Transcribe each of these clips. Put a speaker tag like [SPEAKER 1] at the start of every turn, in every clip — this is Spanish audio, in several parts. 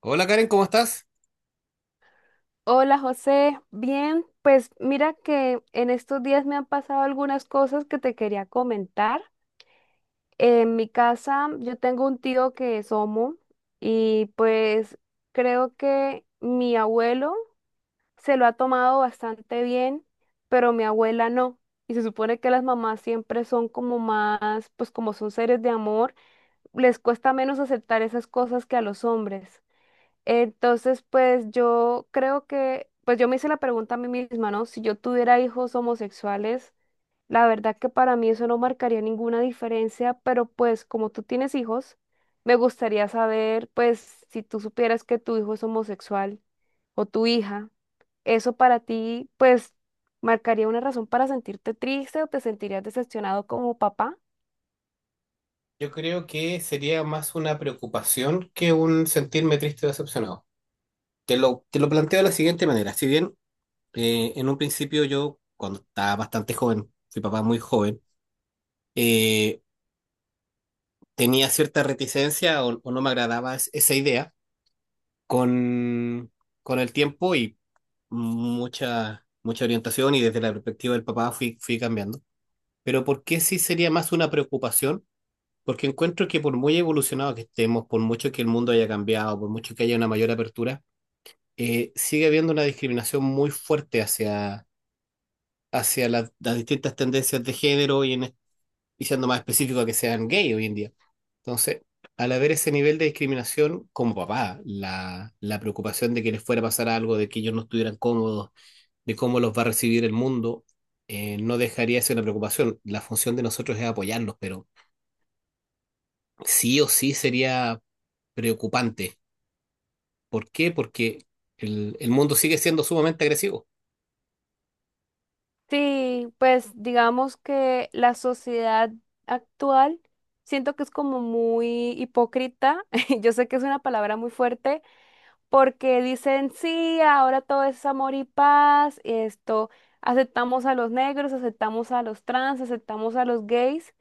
[SPEAKER 1] Hola Karen, ¿cómo estás?
[SPEAKER 2] Hola José, bien, pues mira que en estos días me han pasado algunas cosas que te quería comentar. En mi casa yo tengo un tío que es homo y pues creo que mi abuelo se lo ha tomado bastante bien, pero mi abuela no. Y se supone que las mamás siempre son como más, pues como son seres de amor, les cuesta menos aceptar esas cosas que a los hombres. Entonces, pues yo creo que, pues yo me hice la pregunta a mí misma, ¿no? Si yo tuviera hijos homosexuales, la verdad que para mí eso no marcaría ninguna diferencia, pero pues como tú tienes hijos, me gustaría saber, pues si tú supieras que tu hijo es homosexual o tu hija, eso para ti, pues, marcaría una razón para sentirte triste o te sentirías decepcionado como papá.
[SPEAKER 1] Yo creo que sería más una preocupación que un sentirme triste o decepcionado. Te lo planteo de la siguiente manera. Si bien en un principio yo, cuando estaba bastante joven, fui papá muy joven, eh, tenía cierta reticencia o no me agradaba esa idea. Con, con el tiempo y mucha orientación y desde la perspectiva del papá fui cambiando. Pero ¿por qué sí sería más una preocupación? Porque encuentro que por muy evolucionado que estemos, por mucho que el mundo haya cambiado, por mucho que haya una mayor apertura, sigue habiendo una discriminación muy fuerte hacia las distintas tendencias de género y, y siendo más específico que sean gay hoy en día. Entonces, al haber ese nivel de discriminación, como papá, la preocupación de que les fuera a pasar algo, de que ellos no estuvieran cómodos, de cómo los va a recibir el mundo, no dejaría de ser una preocupación. La función de nosotros es apoyarlos, pero sí o sí sería preocupante. ¿Por qué? Porque el mundo sigue siendo sumamente agresivo.
[SPEAKER 2] Sí, pues digamos que la sociedad actual siento que es como muy hipócrita. Yo sé que es una palabra muy fuerte porque dicen, sí, ahora todo es amor y paz, esto, aceptamos a los negros, aceptamos a los trans, aceptamos a los gays,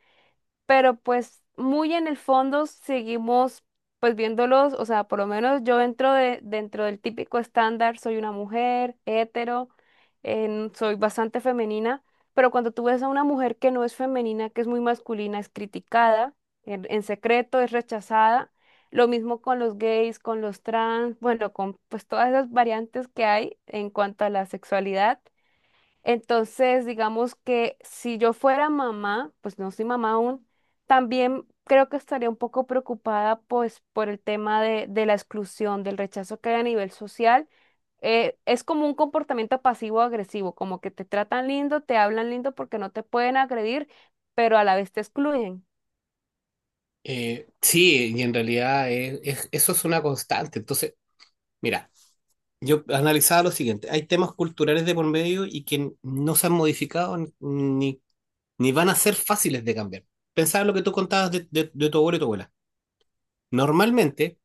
[SPEAKER 2] pero pues muy en el fondo seguimos pues viéndolos. O sea, por lo menos yo dentro de, dentro del típico estándar soy una mujer hetero, soy bastante femenina, pero cuando tú ves a una mujer que no es femenina, que es muy masculina, es criticada, en secreto es rechazada. Lo mismo con los gays, con los trans, bueno, con pues todas esas variantes que hay en cuanto a la sexualidad. Entonces, digamos que si yo fuera mamá, pues no soy mamá aún, también creo que estaría un poco preocupada pues por el tema de la exclusión, del rechazo que hay a nivel social. Es como un comportamiento pasivo-agresivo, como que te tratan lindo, te hablan lindo porque no te pueden agredir, pero a la vez te excluyen.
[SPEAKER 1] Sí, y en realidad eso es una constante. Entonces, mira, yo analizaba lo siguiente: hay temas culturales de por medio y que no se han modificado ni van a ser fáciles de cambiar. Pensaba lo que tú contabas de tu abuelo y tu abuela. Normalmente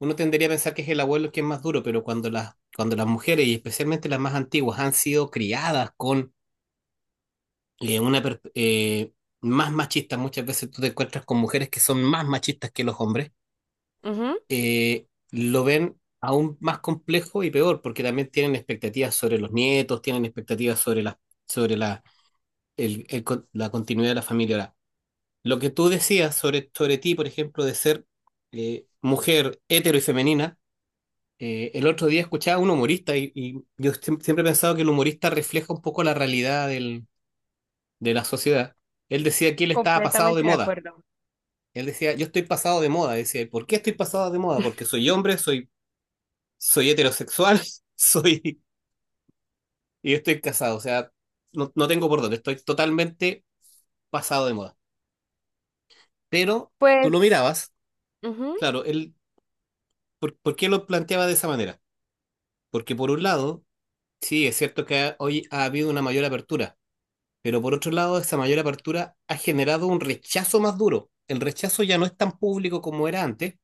[SPEAKER 1] uno tendría a pensar que es el abuelo el que es más duro, pero cuando las mujeres y especialmente las más antiguas han sido criadas con una más machista. Muchas veces tú te encuentras con mujeres que son más machistas que los hombres.
[SPEAKER 2] Ujú.
[SPEAKER 1] Lo ven aún más complejo y peor, porque también tienen expectativas sobre los nietos, tienen expectativas sobre la continuidad de la familia. Ahora, lo que tú decías sobre ti, por ejemplo, de ser mujer hetero y femenina. El otro día escuchaba a un humorista y yo siempre he pensado que el humorista refleja un poco la realidad de la sociedad. Él decía que él estaba pasado de
[SPEAKER 2] Completamente de
[SPEAKER 1] moda.
[SPEAKER 2] acuerdo.
[SPEAKER 1] Él decía: yo estoy pasado de moda. Decía, ¿por qué estoy pasado de moda? Porque soy hombre, soy heterosexual, soy, y estoy casado. O sea, no tengo por dónde, estoy totalmente pasado de moda. Pero tú lo
[SPEAKER 2] Pues,
[SPEAKER 1] mirabas,
[SPEAKER 2] ujú.
[SPEAKER 1] claro, por qué lo planteaba de esa manera? Porque por un lado, sí, es cierto que hoy ha habido una mayor apertura, pero por otro lado, esa mayor apertura ha generado un rechazo más duro. El rechazo ya no es tan público como era antes,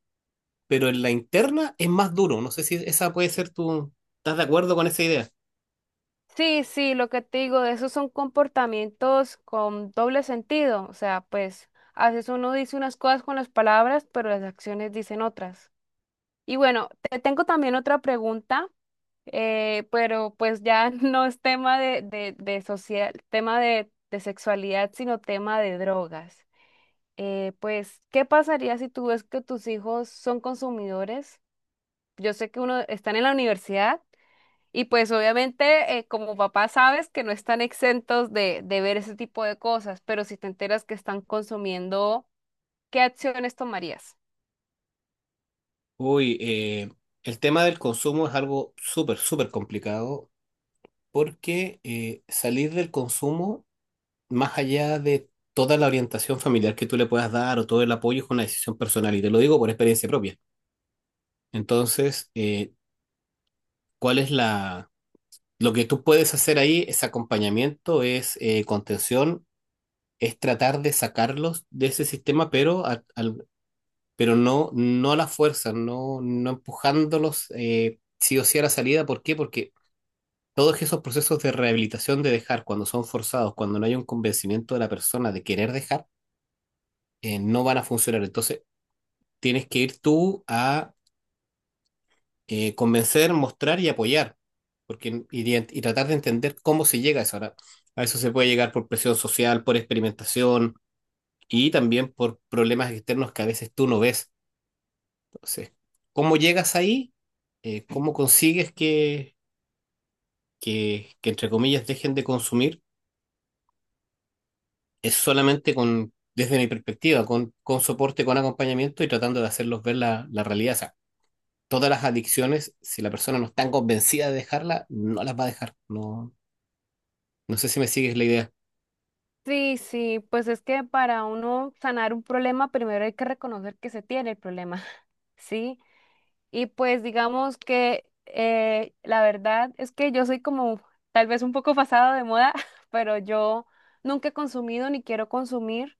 [SPEAKER 1] pero en la interna es más duro. No sé si esa puede ser tu... ¿Estás de acuerdo con esa idea?
[SPEAKER 2] Sí, sí, lo que te digo, esos son comportamientos con doble sentido. O sea, pues a veces uno dice unas cosas con las palabras, pero las acciones dicen otras. Y bueno, te tengo también otra pregunta, pero pues ya no es tema de social, tema de sexualidad, sino tema de drogas. Pues, ¿qué pasaría si tú ves que tus hijos son consumidores? Yo sé que uno están en la universidad y pues obviamente como papá sabes que no están exentos de ver ese tipo de cosas, pero si te enteras que están consumiendo, ¿qué acciones tomarías?
[SPEAKER 1] Uy, el tema del consumo es algo súper complicado porque salir del consumo, más allá de toda la orientación familiar que tú le puedas dar o todo el apoyo, es una decisión personal y te lo digo por experiencia propia. Entonces, ¿cuál es la... Lo que tú puedes hacer ahí es acompañamiento, es contención, es tratar de sacarlos de ese sistema, pero pero no, no a la fuerza, no, no empujándolos sí o sí a la salida. ¿Por qué? Porque todos esos procesos de rehabilitación de dejar, cuando son forzados, cuando no hay un convencimiento de la persona de querer dejar, no van a funcionar. Entonces, tienes que ir tú a convencer, mostrar y apoyar, y tratar de entender cómo se llega a eso. Ahora, a eso se puede llegar por presión social, por experimentación y también por problemas externos que a veces tú no ves. Entonces, ¿cómo llegas ahí? ¿Cómo consigues que, entre comillas, dejen de consumir? Es solamente con, desde mi perspectiva, con soporte, con acompañamiento y tratando de hacerlos ver la realidad. O sea, todas las adicciones, si la persona no está convencida de dejarla, no las va a dejar. No, no sé si me sigues la idea.
[SPEAKER 2] Sí, sí, pues es que para uno sanar un problema, primero hay que reconocer que se tiene el problema, ¿sí? Y pues digamos que la verdad es que yo soy como tal vez un poco pasado de moda, pero yo nunca he consumido ni quiero consumir.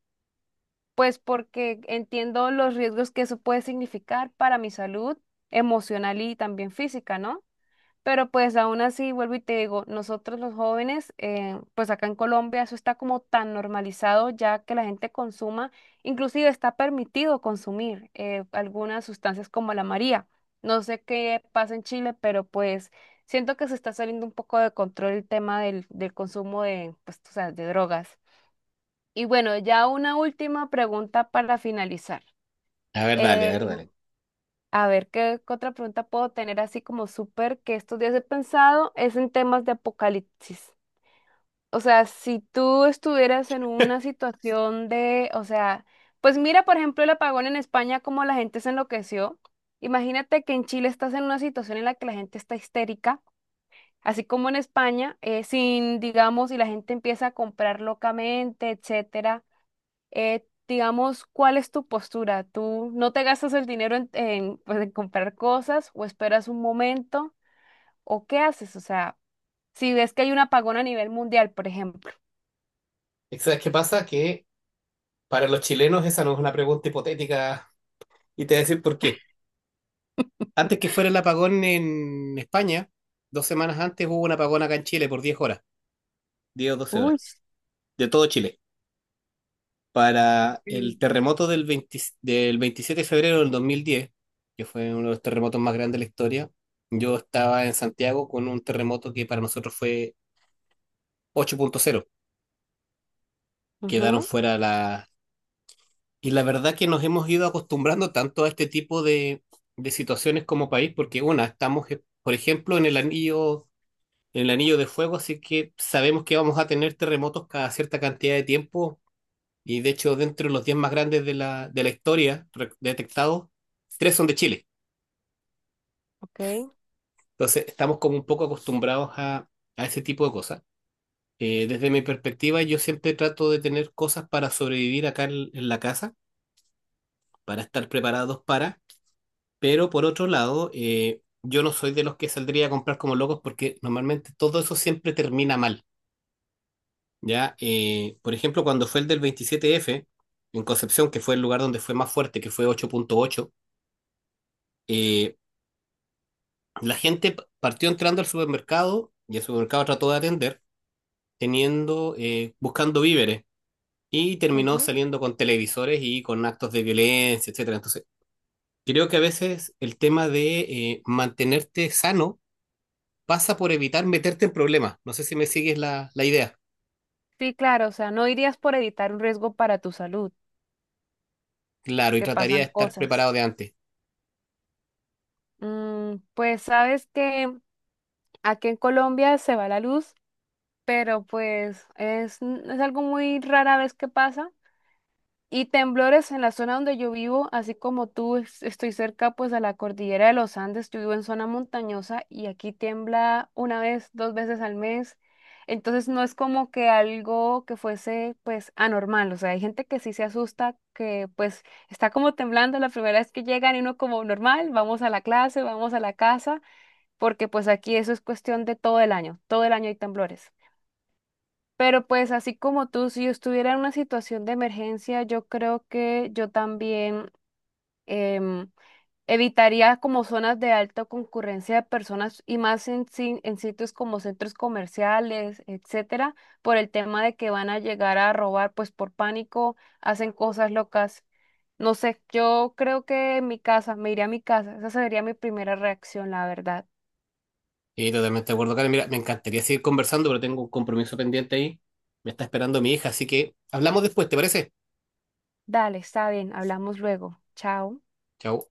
[SPEAKER 2] Pues porque entiendo los riesgos que eso puede significar para mi salud emocional y también física, ¿no? Pero pues aún así, vuelvo y te digo, nosotros los jóvenes, pues acá en Colombia eso está como tan normalizado ya que la gente consuma, inclusive está permitido consumir algunas sustancias como la María. No sé qué pasa en Chile, pero pues siento que se está saliendo un poco de control el tema del consumo de, pues, tú sabes, de drogas. Y bueno, ya una última pregunta para finalizar.
[SPEAKER 1] A ver, dale, a
[SPEAKER 2] Eh,
[SPEAKER 1] ver, dale.
[SPEAKER 2] a ver, ¿qué otra pregunta puedo tener así como súper que estos días he pensado? Es en temas de apocalipsis. O sea, si tú estuvieras en una situación de, o sea, pues mira, por ejemplo, el apagón en España, cómo la gente se enloqueció. Imagínate que en Chile estás en una situación en la que la gente está histérica, así como en España, sin, digamos, y la gente empieza a comprar locamente, etcétera. Digamos, ¿cuál es tu postura? ¿Tú no te gastas el dinero pues, en comprar cosas o esperas un momento o qué haces? O sea, si ves que hay un apagón a nivel mundial, por ejemplo.
[SPEAKER 1] ¿Sabes qué pasa? Que para los chilenos esa no es una pregunta hipotética y te voy a decir por qué. Antes que fuera el apagón en España, dos semanas antes hubo un apagón acá en Chile por 10 horas. 10 o doce
[SPEAKER 2] Uy,
[SPEAKER 1] horas, de todo Chile. Para
[SPEAKER 2] sí.
[SPEAKER 1] el terremoto del 20 del 27 de febrero del 2010, que fue uno de los terremotos más grandes de la historia, yo estaba en Santiago con un terremoto que para nosotros fue 8.0. Quedaron
[SPEAKER 2] Ujú,
[SPEAKER 1] fuera la... Y la verdad que nos hemos ido acostumbrando tanto a este tipo de situaciones como país, porque una, estamos, por ejemplo, en el anillo de fuego, así que sabemos que vamos a tener terremotos cada cierta cantidad de tiempo. Y de hecho, dentro de los 10 más grandes de de la historia detectados, tres son de Chile.
[SPEAKER 2] ok,
[SPEAKER 1] Entonces, estamos como un poco acostumbrados a ese tipo de cosas. Desde mi perspectiva, yo siempre trato de tener cosas para sobrevivir acá en la casa, para estar preparados para. Pero por otro lado, yo no soy de los que saldría a comprar como locos porque normalmente todo eso siempre termina mal. Ya, por ejemplo, cuando fue el del 27F, en Concepción, que fue el lugar donde fue más fuerte, que fue 8.8, eh, la gente partió entrando al supermercado y el supermercado trató de atender, teniendo, buscando víveres y terminó
[SPEAKER 2] ujú.
[SPEAKER 1] saliendo con televisores y con actos de violencia, etcétera. Entonces, creo que a veces el tema de mantenerte sano pasa por evitar meterte en problemas. No sé si me sigues la idea.
[SPEAKER 2] Sí, claro, o sea, no irías por evitar un riesgo para tu salud,
[SPEAKER 1] Claro, y
[SPEAKER 2] que
[SPEAKER 1] trataría de
[SPEAKER 2] pasan
[SPEAKER 1] estar
[SPEAKER 2] cosas.
[SPEAKER 1] preparado de antes.
[SPEAKER 2] Mm, pues sabes que aquí en Colombia se va la luz, pero pues es algo muy rara vez que pasa. Y temblores en la zona donde yo vivo, así como tú, estoy cerca pues a la cordillera de los Andes, yo vivo en zona montañosa y aquí tiembla una vez, dos veces al mes. Entonces no es como que algo que fuese pues anormal, o sea, hay gente que sí se asusta, que pues está como temblando la primera vez que llegan y uno como normal, vamos a la clase, vamos a la casa, porque pues aquí eso es cuestión de todo el año hay temblores. Pero pues así como tú, si yo estuviera en una situación de emergencia, yo creo que yo también em, evitaría como zonas de alta concurrencia de personas y más en, si- en sitios como centros comerciales, etcétera, por el tema de que van a llegar a robar, pues por pánico hacen cosas locas. No sé, yo creo que en mi casa, me iría a mi casa. Esa sería mi primera reacción, la verdad.
[SPEAKER 1] Sí, totalmente de acuerdo, Karen. Mira, me encantaría seguir conversando, pero tengo un compromiso pendiente ahí. Me está esperando mi hija, así que hablamos después, ¿te parece?
[SPEAKER 2] Dale, está bien, hablamos luego. Chao.
[SPEAKER 1] Chao.